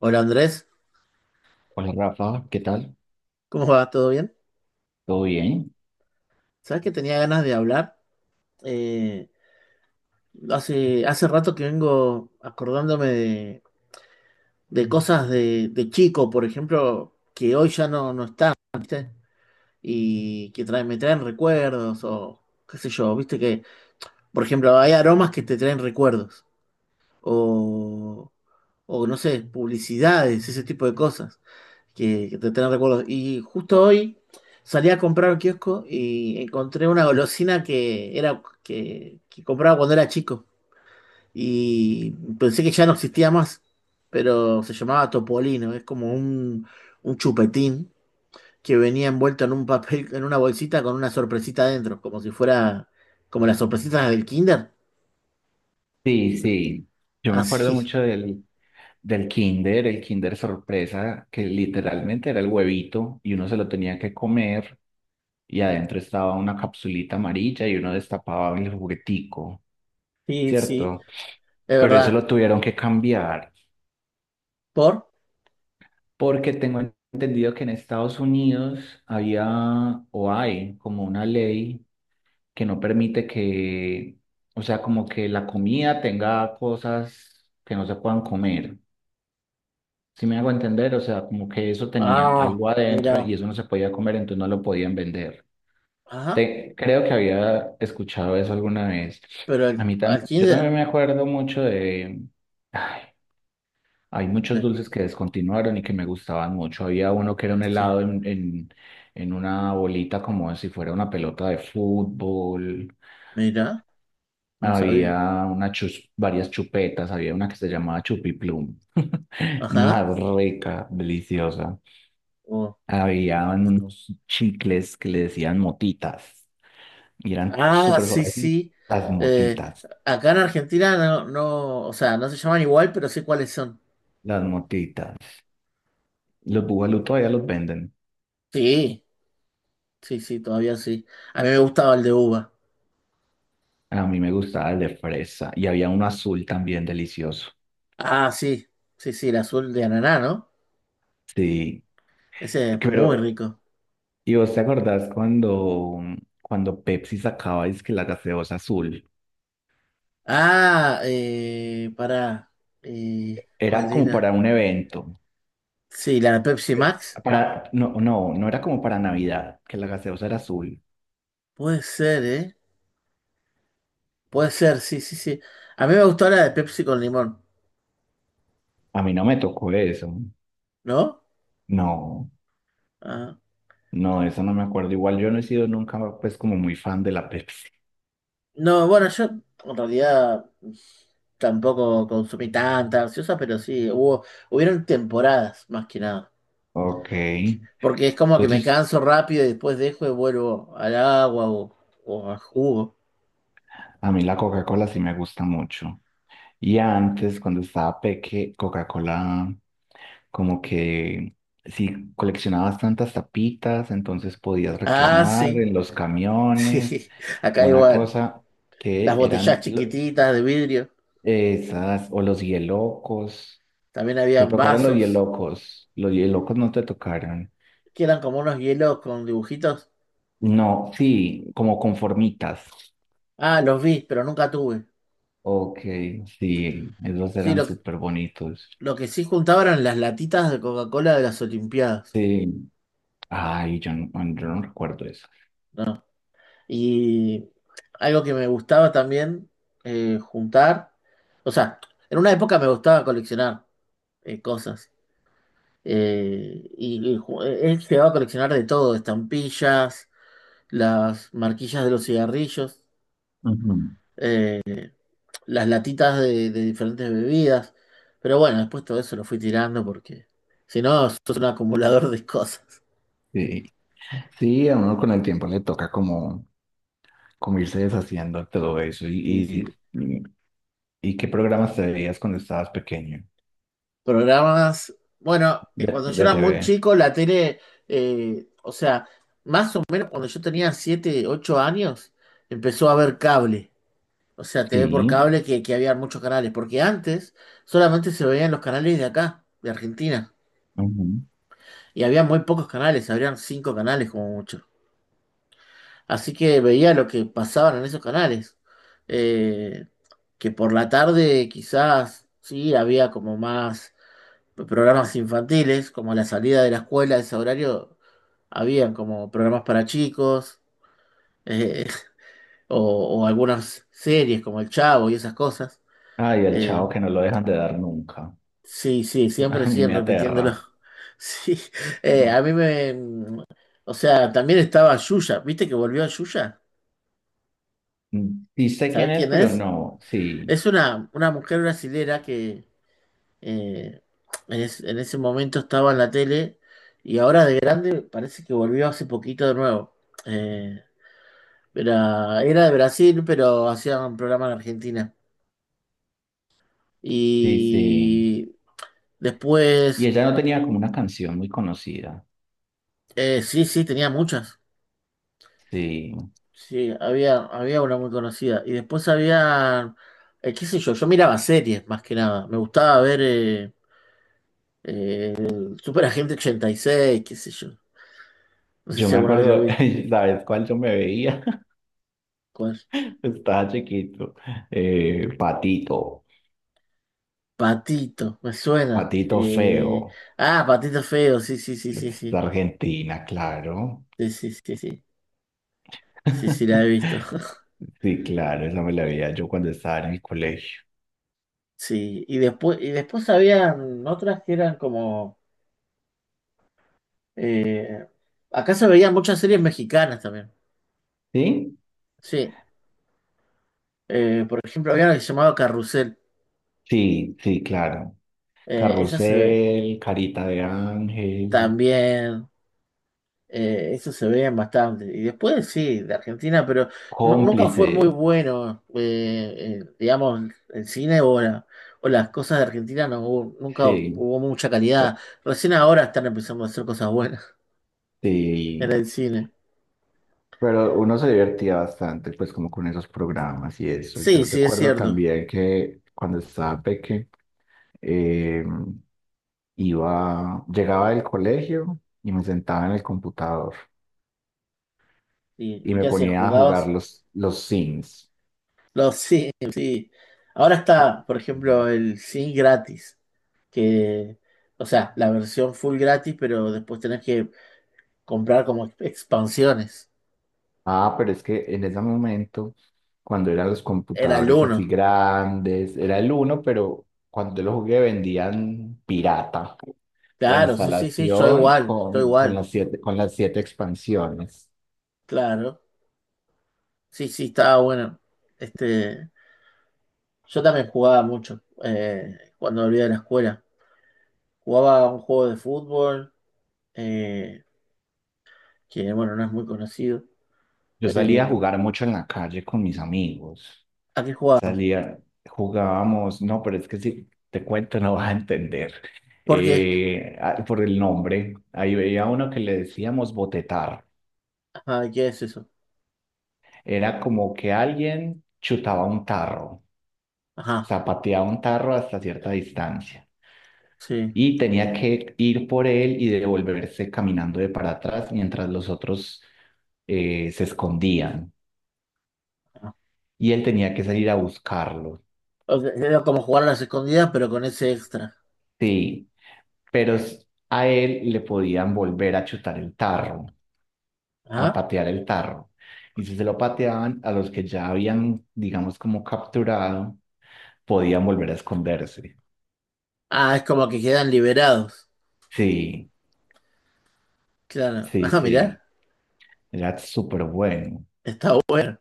Hola Andrés, Hola Rafa, ¿qué tal? ¿cómo va? ¿Todo bien? ¿Todo bien? Sabes que tenía ganas de hablar. Eh, hace rato que vengo acordándome de cosas de chico, por ejemplo, que hoy ya no están y que me traen recuerdos o qué sé yo, viste que, por ejemplo, hay aromas que te traen recuerdos o, o no sé, publicidades, ese tipo de cosas. Que te tenés recuerdos. Y justo hoy salí a comprar un kiosco y encontré una golosina que era que compraba cuando era chico. Y pensé que ya no existía más, pero se llamaba Topolino. Es como un chupetín que venía envuelto en un papel, en una bolsita con una sorpresita adentro, como si fuera como las sorpresitas del Kinder. Sí, sí. Yo me acuerdo Así. mucho del Kinder, el Kinder sorpresa, que literalmente era el huevito y uno se lo tenía que comer, y adentro estaba una capsulita amarilla y uno destapaba el juguetico, Sí, sí, ¿cierto? es Pero eso verdad. lo tuvieron que cambiar ¿Por? porque tengo entendido que en Estados Unidos había o hay como una ley que no permite que, o sea, como que la comida tenga cosas que no se puedan comer. ¿Si me hago entender? O sea, como que eso tenía Ah, algo adentro mira. y eso no se podía comer, entonces no lo podían vender. Ajá, Creo que había escuchado eso alguna vez. pero A mí al también, yo también Kinder. me acuerdo mucho ay, hay muchos Sí, dulces que descontinuaron y que me gustaban mucho. Había uno que era un sí. helado en una bolita, como si fuera una pelota de fútbol. Mira, no Había sabía. Varias chupetas, había una que se llamaba Chupiplum, Ajá. más rica, deliciosa. Oh. Había unos chicles que le decían motitas y eran Ah, súper sí, suaves. Y sí. las Eh, motitas, acá en Argentina o sea, no se llaman igual, pero sé cuáles son. las motitas. Los bugalú todavía los venden. Sí, sí, sí, todavía sí. A mí me gustaba el de uva. A mí me gustaba el de fresa y había uno azul también delicioso. Ah, sí, sí, sí, el azul de ananá, ¿no? Sí, Ese es muy pero rico. ¿y vos te acordás cuando, cuando Pepsi sacaba que la gaseosa azul? Ah, pará. Era ¿Cuál como era? para un evento. Sí, la de Pepsi Max. No, no, no era como para Navidad, que la gaseosa era azul. Puede ser, ¿eh? Puede ser, sí, sí, sí. A mí me gustó la de Pepsi con limón, A mí no me tocó eso. ¿no? No, Ah. no, eso no me acuerdo. Igual yo no he sido nunca, pues, como muy fan de la Pepsi. No, bueno, yo en realidad tampoco consumí tanta gaseosa, pero sí, hubieron temporadas más que nada. Ok. Entonces, Porque es como que me canso rápido y después dejo y vuelvo al agua o a jugo. a mí la Coca-Cola sí me gusta mucho. Y antes, cuando estaba peque, Coca-Cola, como que si coleccionabas tantas tapitas, entonces podías Ah, reclamar sí, en los camiones, sí, acá una igual. cosa Las que botellas eran, chiquititas de vidrio, esas, o los hielocos. también Te habían tocaron los vasos, hielocos. Los hielocos no te tocaron. que eran como unos hielos con dibujitos. No, sí, como conformitas. Ah, los vi, pero nunca tuve. Ok, sí, esos Sí, eran súper bonitos. lo que sí juntaba eran las latitas de Coca-Cola de las Olimpiadas. Sí, ay, yo no, yo no recuerdo eso. No. Y algo que me gustaba también juntar, o sea, en una época me gustaba coleccionar cosas. He llegado a coleccionar de todo, estampillas, las marquillas de los cigarrillos, Ujú. eh, las latitas de diferentes bebidas. Pero bueno, después todo eso lo fui tirando porque si no, sos un acumulador de cosas. Sí. Sí, a uno con el tiempo le toca como, como irse deshaciendo de todo eso. Sí, sí. y, y qué programas te veías cuando estabas pequeño? Programas. Bueno, De, cuando yo de era muy TV. chico, o sea, más o menos cuando yo tenía 7 u 8 años, empezó a haber cable. O sea, TV por Sí. cable que había muchos canales. Porque antes solamente se veían los canales de acá, de Argentina. Y había muy pocos canales, habrían 5 canales como mucho. Así que veía lo que pasaban en esos canales. Eh, que por la tarde quizás sí había como más programas infantiles, como la salida de la escuela a ese horario, habían como programas para chicos, eh, o algunas series como El Chavo y esas cosas. Ay, el Eh, chavo, que no lo dejan de dar nunca. sí, sí, siempre A mí siguen me repitiéndolo. aterra. Sí, No. a mí me... O sea, también estaba Yuya, ¿viste que volvió a Yuya? Sí, sé ¿Sabés quién es, quién pero es? no. Sí, Es una mujer brasilera que Eh, en ese momento estaba en la tele y ahora de grande parece que volvió hace poquito de nuevo. Eh, era, era de Brasil, pero hacía un programa en Argentina. sí, sí. Y Y después, ella no tenía como una canción muy conocida. Sí, sí, tenía muchas. Sí. Sí, había, había una muy conocida. Y después había, qué sé yo, yo miraba series más que nada. Me gustaba ver el Superagente 86, qué sé yo. No sé Yo si me alguna vez lo acuerdo, viste. ¿sabes cuál yo me veía? ¿Cuál? Estaba chiquito. Patito. Patito, me suena. Patito Feo. Ah, Patito Feo, sí, sí, sí, sí, Es sí. Argentina, claro. Sí, sí, sí, sí. Sí, sí, la he visto. Sí, claro, esa me la veía yo cuando estaba en el colegio. Sí. Y después habían otras que eran como. eh, Acá se veían muchas series mexicanas también. ¿Sí? Sí. Por ejemplo, había una que se llamaba Carrusel. Sí, sí, claro. Esa se ve Carrusel, Carita de Ángel, también. Eso se veía bastante. Y después sí, de Argentina, pero nunca fue muy Cómplices, bueno, digamos, el cine o, la- o las cosas de Argentina, nunca sí, hubo mucha calidad. Recién ahora están empezando a hacer cosas buenas en sí. el cine. Pero uno se divertía bastante, pues, como con esos programas y eso. Sí, Yo sí, es recuerdo cierto. también que cuando estaba peque, eh, llegaba del colegio y me sentaba en el computador y Y me qué hacías? ponía a jugar ¿Jugabas? los Sims. No, sí, sí. Ahora está, por ejemplo, el cine gratis, que, o sea, la versión full gratis, pero después tenés que comprar como expansiones. Ah, pero es que en ese momento, cuando eran los Era el computadores así uno. grandes, era el uno, pero cuando yo lo jugué vendían pirata la Claro, sí, sí, sí, instalación yo con igual, las siete expansiones. claro. Sí, sí, estaba bueno. Este, yo también jugaba mucho cuando volvía de la escuela. Jugaba un juego de fútbol, eh, que bueno, no es muy conocido. Yo salía a Eh, jugar mucho en la calle con mis amigos. ¿A qué jugaba? Salía, jugábamos, no, pero es que si te cuento no vas a entender. ¿Por qué? Ah, por el nombre, ahí veía uno que le decíamos botetar. Ajá, ¿qué es eso? Era como que alguien chutaba un tarro, Ajá, zapateaba un tarro hasta cierta distancia sí. y tenía que ir por él y devolverse caminando de para atrás mientras los otros se escondían, Ajá. y él tenía que salir a buscarlo. O sea, era como jugar a las escondidas, pero con ese extra. Sí, pero a él le podían volver a chutar el tarro, a Ajá. patear el tarro. Y si se lo pateaban a los que ya habían, digamos, como capturado, podían volver a esconderse. Ah, es como que quedan liberados. Sí, Claro. sí, Ah, sí. mirá, Era súper bueno. está bueno.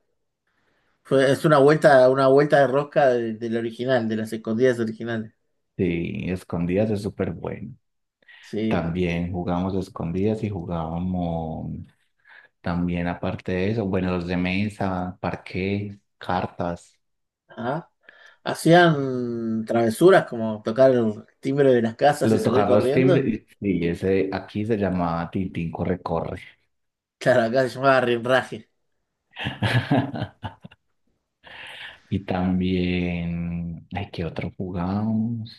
Fue, una vuelta de rosca del original, de las escondidas originales. Sí, escondidas es súper bueno. Sí. También jugamos escondidas, y jugábamos también, aparte de eso, bueno, los de mesa, parqués, cartas, Ajá. Hacían travesuras como tocar el timbre de las casas y los salir tocar los timbres. corriendo. Y ese aquí se llamaba Tintín Corre Corre. Claro, acá se llamaba rinraje. Y también, ay, ¿qué otro jugábamos?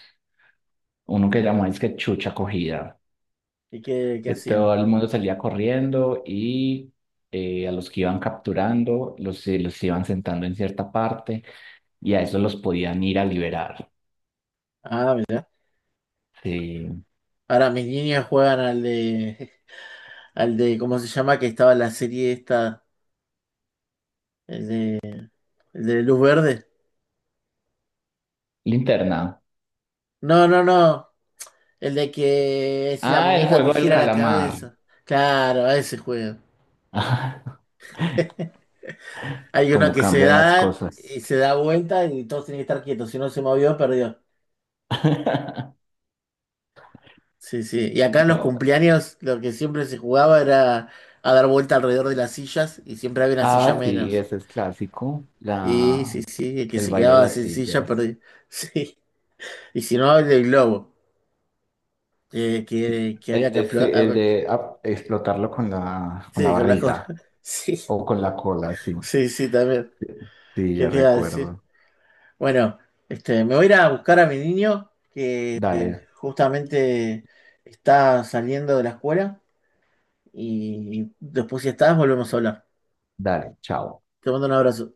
Uno que llamaba es que Chucha Cogida, ¿Y qué, qué que hacían? todo el mundo salía corriendo y a los que iban capturando los, los iban sentando en cierta parte, y a esos los podían ir a liberar. Ah, mirá. Sí. Ahora mis niños juegan al de, al de, ¿cómo se llama? Que estaba en la serie esta, el de, el de Luz Verde. Linterna. No, no, no. El de que es la Ah, el muñeca que juego del gira la calamar. cabeza. Claro, a ese juego. Hay uno Cómo que se cambian las da cosas. y se da vuelta y todos tienen que estar quietos. Si no se movió, perdió. Sí, sí. Y acá en los No. cumpleaños lo que siempre se jugaba era a dar vuelta alrededor de las sillas y siempre había una silla Ah, sí, menos. ese es clásico. Y sí, sí, el que El se baile de quedaba las sin silla sillas. perdía. Sí. Y si no, el del globo, que El había que de, explotar. Explotarlo con la Sí, con la cola. barriga Sí, o con la cola, sí. sí, sí, también. Sí, ¿Qué ya te iba a decir? recuerdo. Bueno, este, me voy a ir a buscar a mi niño. Dale, Justamente está saliendo de la escuela. Y después, si estás, volvemos a hablar. dale, chao. Te mando un abrazo.